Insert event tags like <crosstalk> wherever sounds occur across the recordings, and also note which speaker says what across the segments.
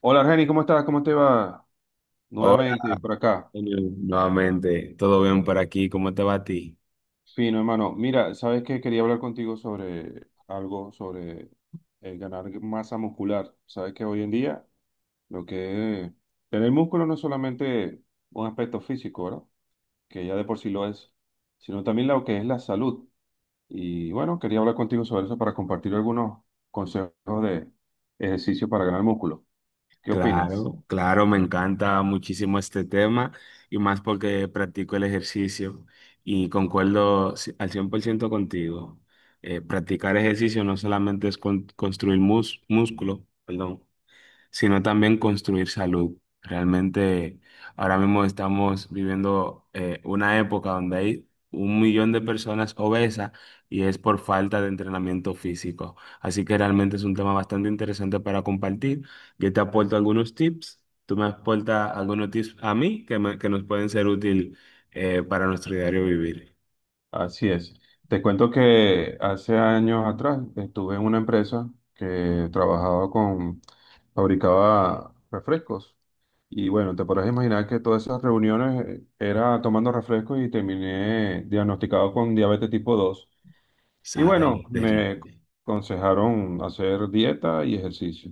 Speaker 1: Hola, Argeni, ¿cómo estás? ¿Cómo te va?
Speaker 2: Hola,
Speaker 1: Nuevamente por acá.
Speaker 2: Antonio, nuevamente, ¿todo bien por aquí? ¿Cómo te va a ti?
Speaker 1: Fino, hermano. Mira, sabes que quería hablar contigo sobre algo, sobre el ganar masa muscular. Sabes que hoy en día lo que es tener músculo no es solamente un aspecto físico, ¿verdad? Que ya de por sí lo es, sino también lo que es la salud. Y bueno, quería hablar contigo sobre eso para compartir algunos consejos de ejercicio para ganar músculo. ¿Qué opinas?
Speaker 2: Claro, claro, me encanta muchísimo este tema y más porque practico el ejercicio y concuerdo al 100% contigo. Practicar ejercicio no solamente es construir músculo, perdón, sino también construir salud. Realmente ahora mismo estamos viviendo una época donde hay un millón de personas obesas y es por falta de entrenamiento físico. Así que realmente es un tema bastante interesante para compartir. Yo te aporto algunos tips, tú me aportas algunos tips a mí que, que nos pueden ser útil para nuestro diario vivir.
Speaker 1: Así es. Te cuento que hace años atrás estuve en una empresa que trabajaba fabricaba refrescos. Y bueno, te podrás imaginar que todas esas reuniones era tomando refrescos y terminé diagnosticado con diabetes tipo dos. Y bueno,
Speaker 2: Sale de
Speaker 1: me
Speaker 2: ritmo.
Speaker 1: aconsejaron hacer dieta y ejercicio.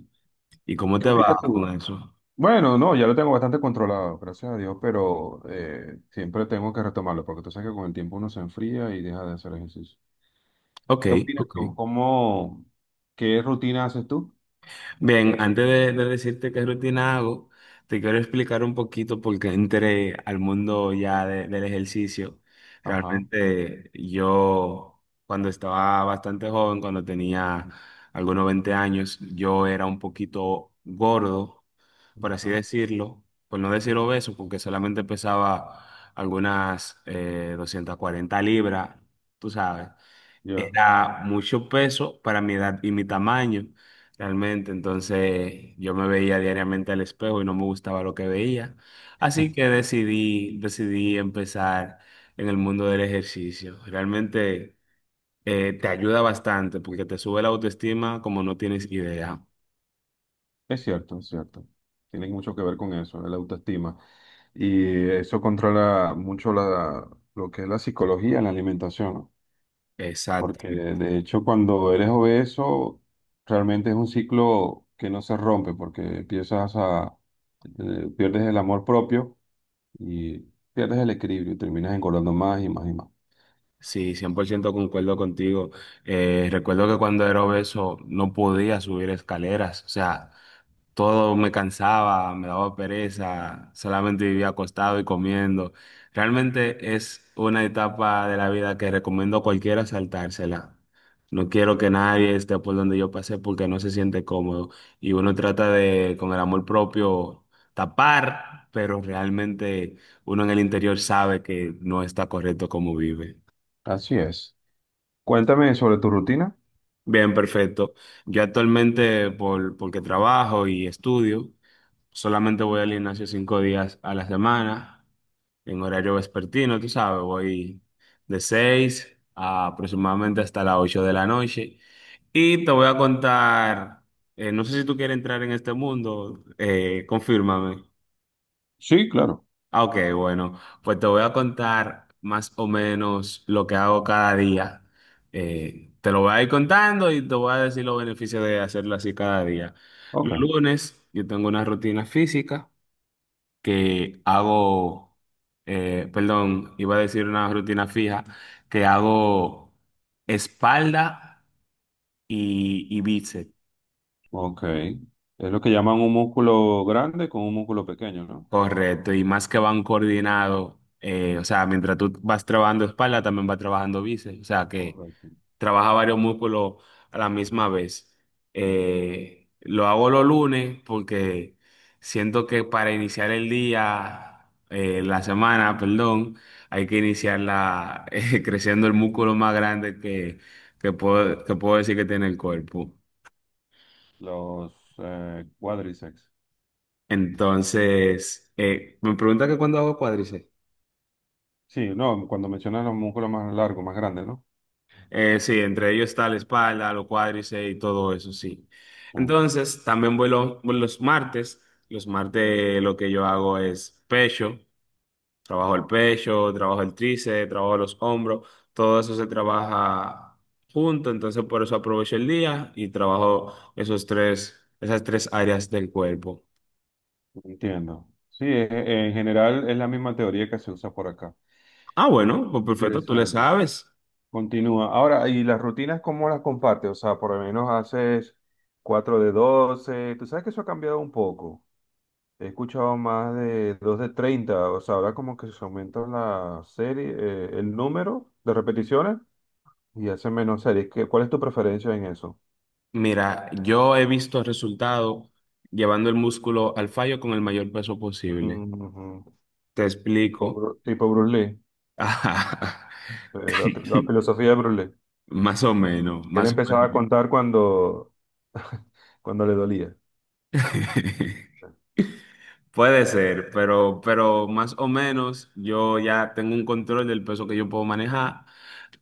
Speaker 2: ¿Y cómo
Speaker 1: ¿Qué
Speaker 2: te va
Speaker 1: opinas
Speaker 2: con
Speaker 1: tú?
Speaker 2: eso?
Speaker 1: Bueno, no, ya lo tengo bastante controlado, gracias a Dios, pero siempre tengo que retomarlo porque tú sabes que con el tiempo uno se enfría y deja de hacer ejercicio.
Speaker 2: Ok,
Speaker 1: ¿Qué opinas
Speaker 2: ok.
Speaker 1: tú? ¿Qué rutina haces tú?
Speaker 2: Bien, antes de decirte qué rutina hago, te quiero explicar un poquito por qué entré al mundo ya del ejercicio.
Speaker 1: Ajá,
Speaker 2: Realmente yo, cuando estaba bastante joven, cuando tenía algunos 20 años, yo era un poquito gordo, por así
Speaker 1: ajá,
Speaker 2: decirlo, por no decir obeso, porque solamente pesaba algunas 240 libras, tú sabes.
Speaker 1: ya.
Speaker 2: Era mucho peso para mi edad y mi tamaño, realmente. Entonces yo me veía diariamente al espejo y no me gustaba lo que veía. Así que decidí empezar en el mundo del ejercicio. Realmente te ayuda bastante porque te sube la autoestima como no tienes idea.
Speaker 1: Es cierto, es cierto. Tiene mucho que ver con eso, la autoestima. Y eso controla mucho lo que es la psicología en la alimentación, ¿no?
Speaker 2: Exacto.
Speaker 1: Porque de hecho cuando eres obeso, realmente es un ciclo que no se rompe, porque pierdes el amor propio y pierdes el equilibrio, y terminas engordando más y más y más.
Speaker 2: Sí, 100% concuerdo contigo. Recuerdo que cuando era obeso no podía subir escaleras, o sea, todo me cansaba, me daba pereza, solamente vivía acostado y comiendo. Realmente es una etapa de la vida que recomiendo a cualquiera saltársela. No quiero que nadie esté por donde yo pasé porque no se siente cómodo y uno trata de, con el amor propio, tapar, pero realmente uno en el interior sabe que no está correcto como vive.
Speaker 1: Así es. Cuéntame sobre tu rutina.
Speaker 2: Bien, perfecto. Yo actualmente, por, porque trabajo y estudio, solamente voy al gimnasio 5 días a la semana, en horario vespertino, tú sabes, voy de 6 a aproximadamente hasta las 8 de la noche. Y te voy a contar, no sé si tú quieres entrar en este mundo, confírmame.
Speaker 1: Sí, claro.
Speaker 2: Ah, ok, bueno, pues te voy a contar más o menos lo que hago cada día. Te lo voy a ir contando y te voy a decir los beneficios de hacerlo así cada día.
Speaker 1: Ok,
Speaker 2: Los lunes yo tengo una rutina física que hago, perdón, iba a decir una rutina fija, que hago espalda y bíceps.
Speaker 1: ok. Es lo que llaman un músculo grande con un músculo pequeño, ¿no?
Speaker 2: Correcto, y más que van coordinados, o sea, mientras tú vas trabajando espalda, también vas trabajando bíceps, o sea que...
Speaker 1: Correcto.
Speaker 2: trabaja varios músculos a la misma vez.
Speaker 1: Mm.
Speaker 2: Lo hago los lunes porque siento que para iniciar el día, la semana, perdón, hay que iniciarla <laughs> creciendo el músculo más grande que puedo decir que tiene el cuerpo.
Speaker 1: Los cuádriceps.
Speaker 2: Entonces, me pregunta que cuándo hago cuádriceps.
Speaker 1: Sí, no, cuando mencionas los músculos más largos, más grandes, ¿no?
Speaker 2: Sí, entre ellos está la espalda, los cuádriceps y todo eso, sí.
Speaker 1: Sí,
Speaker 2: Entonces, también voy los martes. Los martes lo que yo hago es pecho. Trabajo el pecho, trabajo el tríceps, trabajo los hombros. Todo eso se trabaja junto, entonces por eso aprovecho el día y trabajo esas tres áreas del cuerpo.
Speaker 1: entiendo. Sí, en general es la misma teoría que se usa por acá.
Speaker 2: Ah,
Speaker 1: Eh,
Speaker 2: bueno, pues perfecto, tú le
Speaker 1: Interesante.
Speaker 2: sabes.
Speaker 1: Continúa. Ahora, ¿y las rutinas cómo las compartes? O sea, por lo menos haces 4 de 12. Tú sabes que eso ha cambiado un poco. He escuchado más de 2 de 30, o sea, ahora como que se aumenta la serie, el número de repeticiones y hace menos series. ¿Cuál es tu preferencia en eso?
Speaker 2: Mira, yo he visto resultados llevando el músculo al fallo con el mayor peso posible.
Speaker 1: Mm,
Speaker 2: Te explico.
Speaker 1: Tipo Bruce Lee,
Speaker 2: <laughs>
Speaker 1: la filosofía de Bruce Lee.
Speaker 2: Más o menos,
Speaker 1: Él
Speaker 2: más o
Speaker 1: empezaba a
Speaker 2: menos.
Speaker 1: contar cuando, <laughs> cuando le dolía.
Speaker 2: <laughs> Puede ser, pero más o menos yo ya tengo un control del peso que yo puedo manejar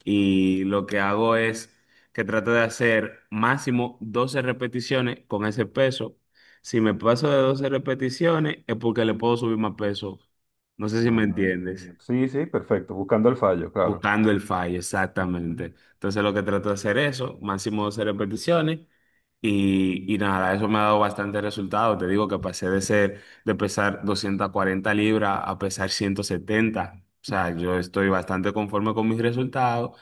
Speaker 2: y lo que hago es que trato de hacer máximo 12 repeticiones con ese peso. Si me paso de 12 repeticiones es porque le puedo subir más peso. No sé si me
Speaker 1: Ah,
Speaker 2: entiendes.
Speaker 1: sí, sí, perfecto, buscando el fallo, claro.
Speaker 2: Buscando el fallo,
Speaker 1: Ujú.
Speaker 2: exactamente. Entonces lo que trato de hacer eso, máximo 12 repeticiones y nada, eso me ha dado bastante resultado. Te digo que pasé de pesar 240 libras a pesar 170. O sea, yo estoy bastante conforme con mis resultados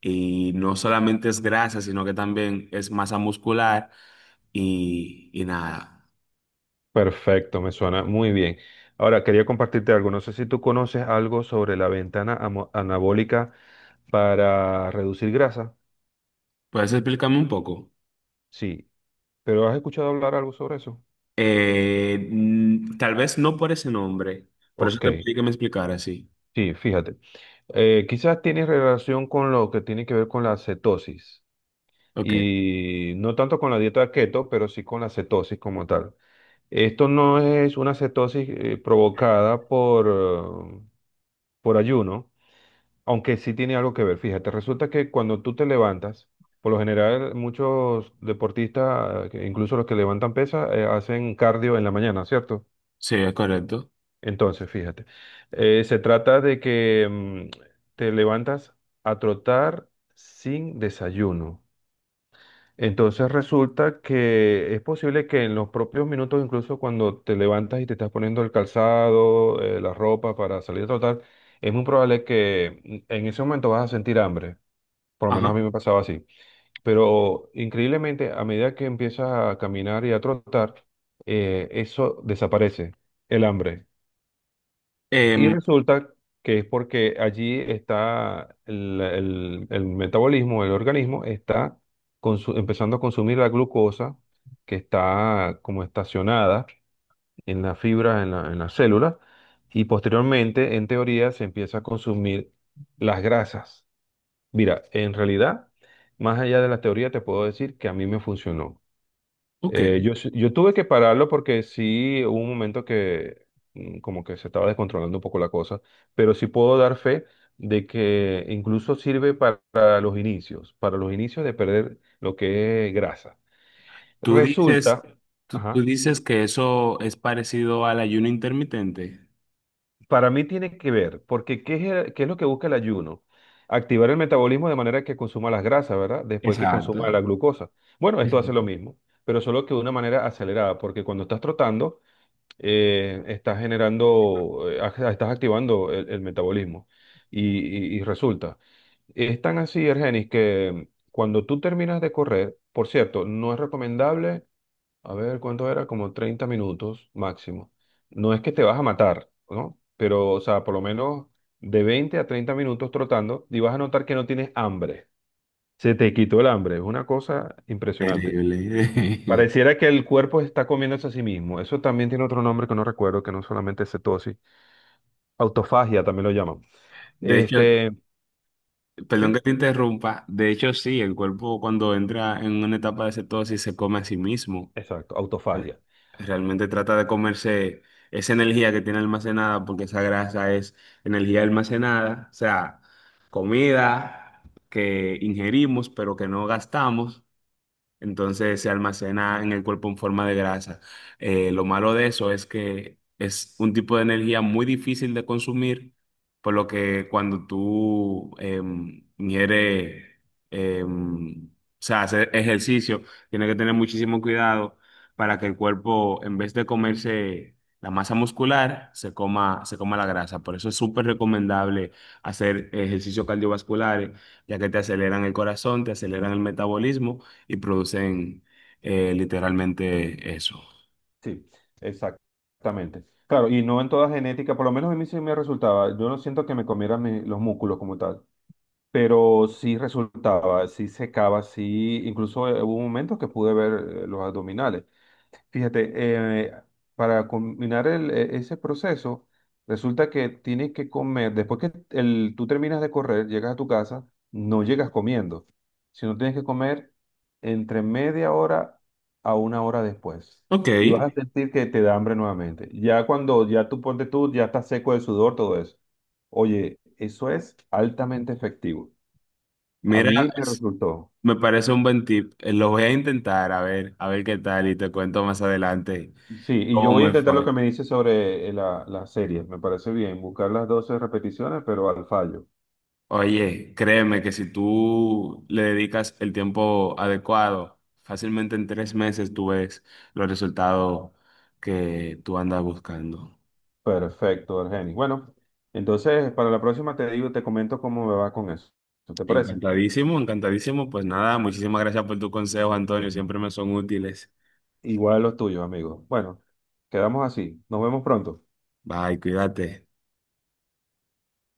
Speaker 2: y no solamente es grasa, sino que también es masa muscular y nada.
Speaker 1: Perfecto, me suena muy bien. Ahora, quería compartirte algo. No sé si tú conoces algo sobre la ventana anabólica para reducir grasa.
Speaker 2: ¿Puedes explicarme un poco?
Speaker 1: Sí, pero ¿has escuchado hablar algo sobre eso?
Speaker 2: Tal vez no por ese nombre, por eso
Speaker 1: Ok,
Speaker 2: te pedí que me explicara, sí.
Speaker 1: sí, fíjate. Quizás tiene relación con lo que tiene que ver con la cetosis
Speaker 2: Ok.
Speaker 1: y no tanto con la dieta keto, pero sí con la cetosis como tal. Esto no es una cetosis provocada por ayuno. Aunque sí tiene algo que ver, fíjate, resulta que cuando tú te levantas, por lo general muchos deportistas, que incluso los que levantan pesas, hacen cardio en la mañana, ¿cierto?
Speaker 2: Sí, es correcto.
Speaker 1: Entonces, fíjate, se trata de que te levantas a trotar sin desayuno. Entonces resulta que es posible que en los propios minutos, incluso cuando te levantas y te estás poniendo el calzado, la ropa para salir a trotar, es muy probable que en ese momento vas a sentir hambre. Por lo menos a
Speaker 2: Ajá.
Speaker 1: mí me pasaba así. Pero increíblemente, a medida que empiezas a caminar y a trotar, eso desaparece, el hambre. Y
Speaker 2: Em,
Speaker 1: resulta que es porque allí está el metabolismo, el organismo está empezando a consumir la glucosa que está como estacionada en la fibra, en la célula, y posteriormente, en teoría, se empieza a consumir las grasas. Mira, en realidad, más allá de la teoría, te puedo decir que a mí me funcionó.
Speaker 2: ok.
Speaker 1: Yo tuve que pararlo porque sí hubo un momento que como que se estaba descontrolando un poco la cosa, pero sí puedo dar fe de que incluso sirve para los inicios, para los inicios de perder lo que es grasa.
Speaker 2: Tú
Speaker 1: Resulta,
Speaker 2: dices, tú, tú
Speaker 1: ajá.
Speaker 2: dices que eso es parecido al ayuno intermitente.
Speaker 1: Para mí tiene que ver, porque ¿qué es lo que busca el ayuno? Activar el metabolismo de manera que consuma las grasas, ¿verdad? Después que
Speaker 2: Exacto.
Speaker 1: consuma la glucosa. Bueno, esto hace lo mismo, pero solo que de una manera acelerada, porque cuando estás trotando, estás generando, estás activando el metabolismo. Y, y resulta, es tan así, Ergenis, que cuando tú terminas de correr, por cierto, no es recomendable a ver, ¿cuánto era? Como 30 minutos máximo. No es que te vas a matar, ¿no? Pero, o sea, por lo menos de 20 a 30 minutos trotando y vas a notar que no tienes hambre. Se te quitó el hambre. Es una cosa impresionante.
Speaker 2: Terrible.
Speaker 1: Pareciera que el cuerpo está comiéndose a sí mismo. Eso también tiene otro nombre que no recuerdo, que no solamente es cetosis. Autofagia también lo llaman.
Speaker 2: <laughs> De hecho,
Speaker 1: Este,
Speaker 2: perdón
Speaker 1: sí,
Speaker 2: que te interrumpa. De hecho, sí, el cuerpo cuando entra en una etapa de cetosis se come a sí mismo.
Speaker 1: exacto,
Speaker 2: Re-
Speaker 1: autofagia.
Speaker 2: Realmente trata de comerse esa energía que tiene almacenada, porque esa grasa es energía almacenada, o sea, comida que ingerimos pero que no gastamos, entonces se almacena en el cuerpo en forma de grasa. Lo malo de eso es que es un tipo de energía muy difícil de consumir, por lo que cuando tú ingieres, o sea, hacer ejercicio, tienes que tener muchísimo cuidado para que el cuerpo, en vez de comerse la masa muscular, se coma la grasa. Por eso es súper recomendable hacer ejercicios cardiovasculares, ya que te aceleran el corazón, te aceleran el metabolismo y producen literalmente eso.
Speaker 1: Sí, exactamente. Claro, y no en toda genética, por lo menos a mí sí me resultaba. Yo no siento que me comieran los músculos como tal, pero sí resultaba, sí secaba, sí. Incluso hubo momentos que pude ver los abdominales. Fíjate, eh, para combinar ese proceso, resulta que tienes que comer, después que tú terminas de correr, llegas a tu casa, no llegas comiendo, sino tienes que comer entre media hora a una hora después.
Speaker 2: Ok,
Speaker 1: Y vas a sentir que te da hambre nuevamente. Ya cuando ya tú ponte tú, ya estás seco de sudor, todo eso. Oye, eso es altamente efectivo. A
Speaker 2: mira,
Speaker 1: mí me
Speaker 2: es-
Speaker 1: resultó.
Speaker 2: me parece un buen tip. Lo voy a intentar, a ver qué tal y te cuento más adelante
Speaker 1: Sí, y yo
Speaker 2: cómo
Speaker 1: voy a
Speaker 2: me
Speaker 1: intentar lo
Speaker 2: fue.
Speaker 1: que me dice sobre la serie. Me parece bien, buscar las 12 repeticiones, pero al fallo.
Speaker 2: Oye, créeme que si tú le dedicas el tiempo adecuado, fácilmente en 3 meses tú ves los resultados que tú andas buscando.
Speaker 1: Perfecto, Argenis. Bueno, entonces para la próxima te digo, te comento cómo me va con eso. ¿Te parece?
Speaker 2: Encantadísimo, encantadísimo. Pues nada, muchísimas gracias por tu consejo, Antonio. Siempre me son útiles.
Speaker 1: Igual los tuyos, amigo. Bueno, quedamos así. Nos vemos pronto.
Speaker 2: Bye, cuídate.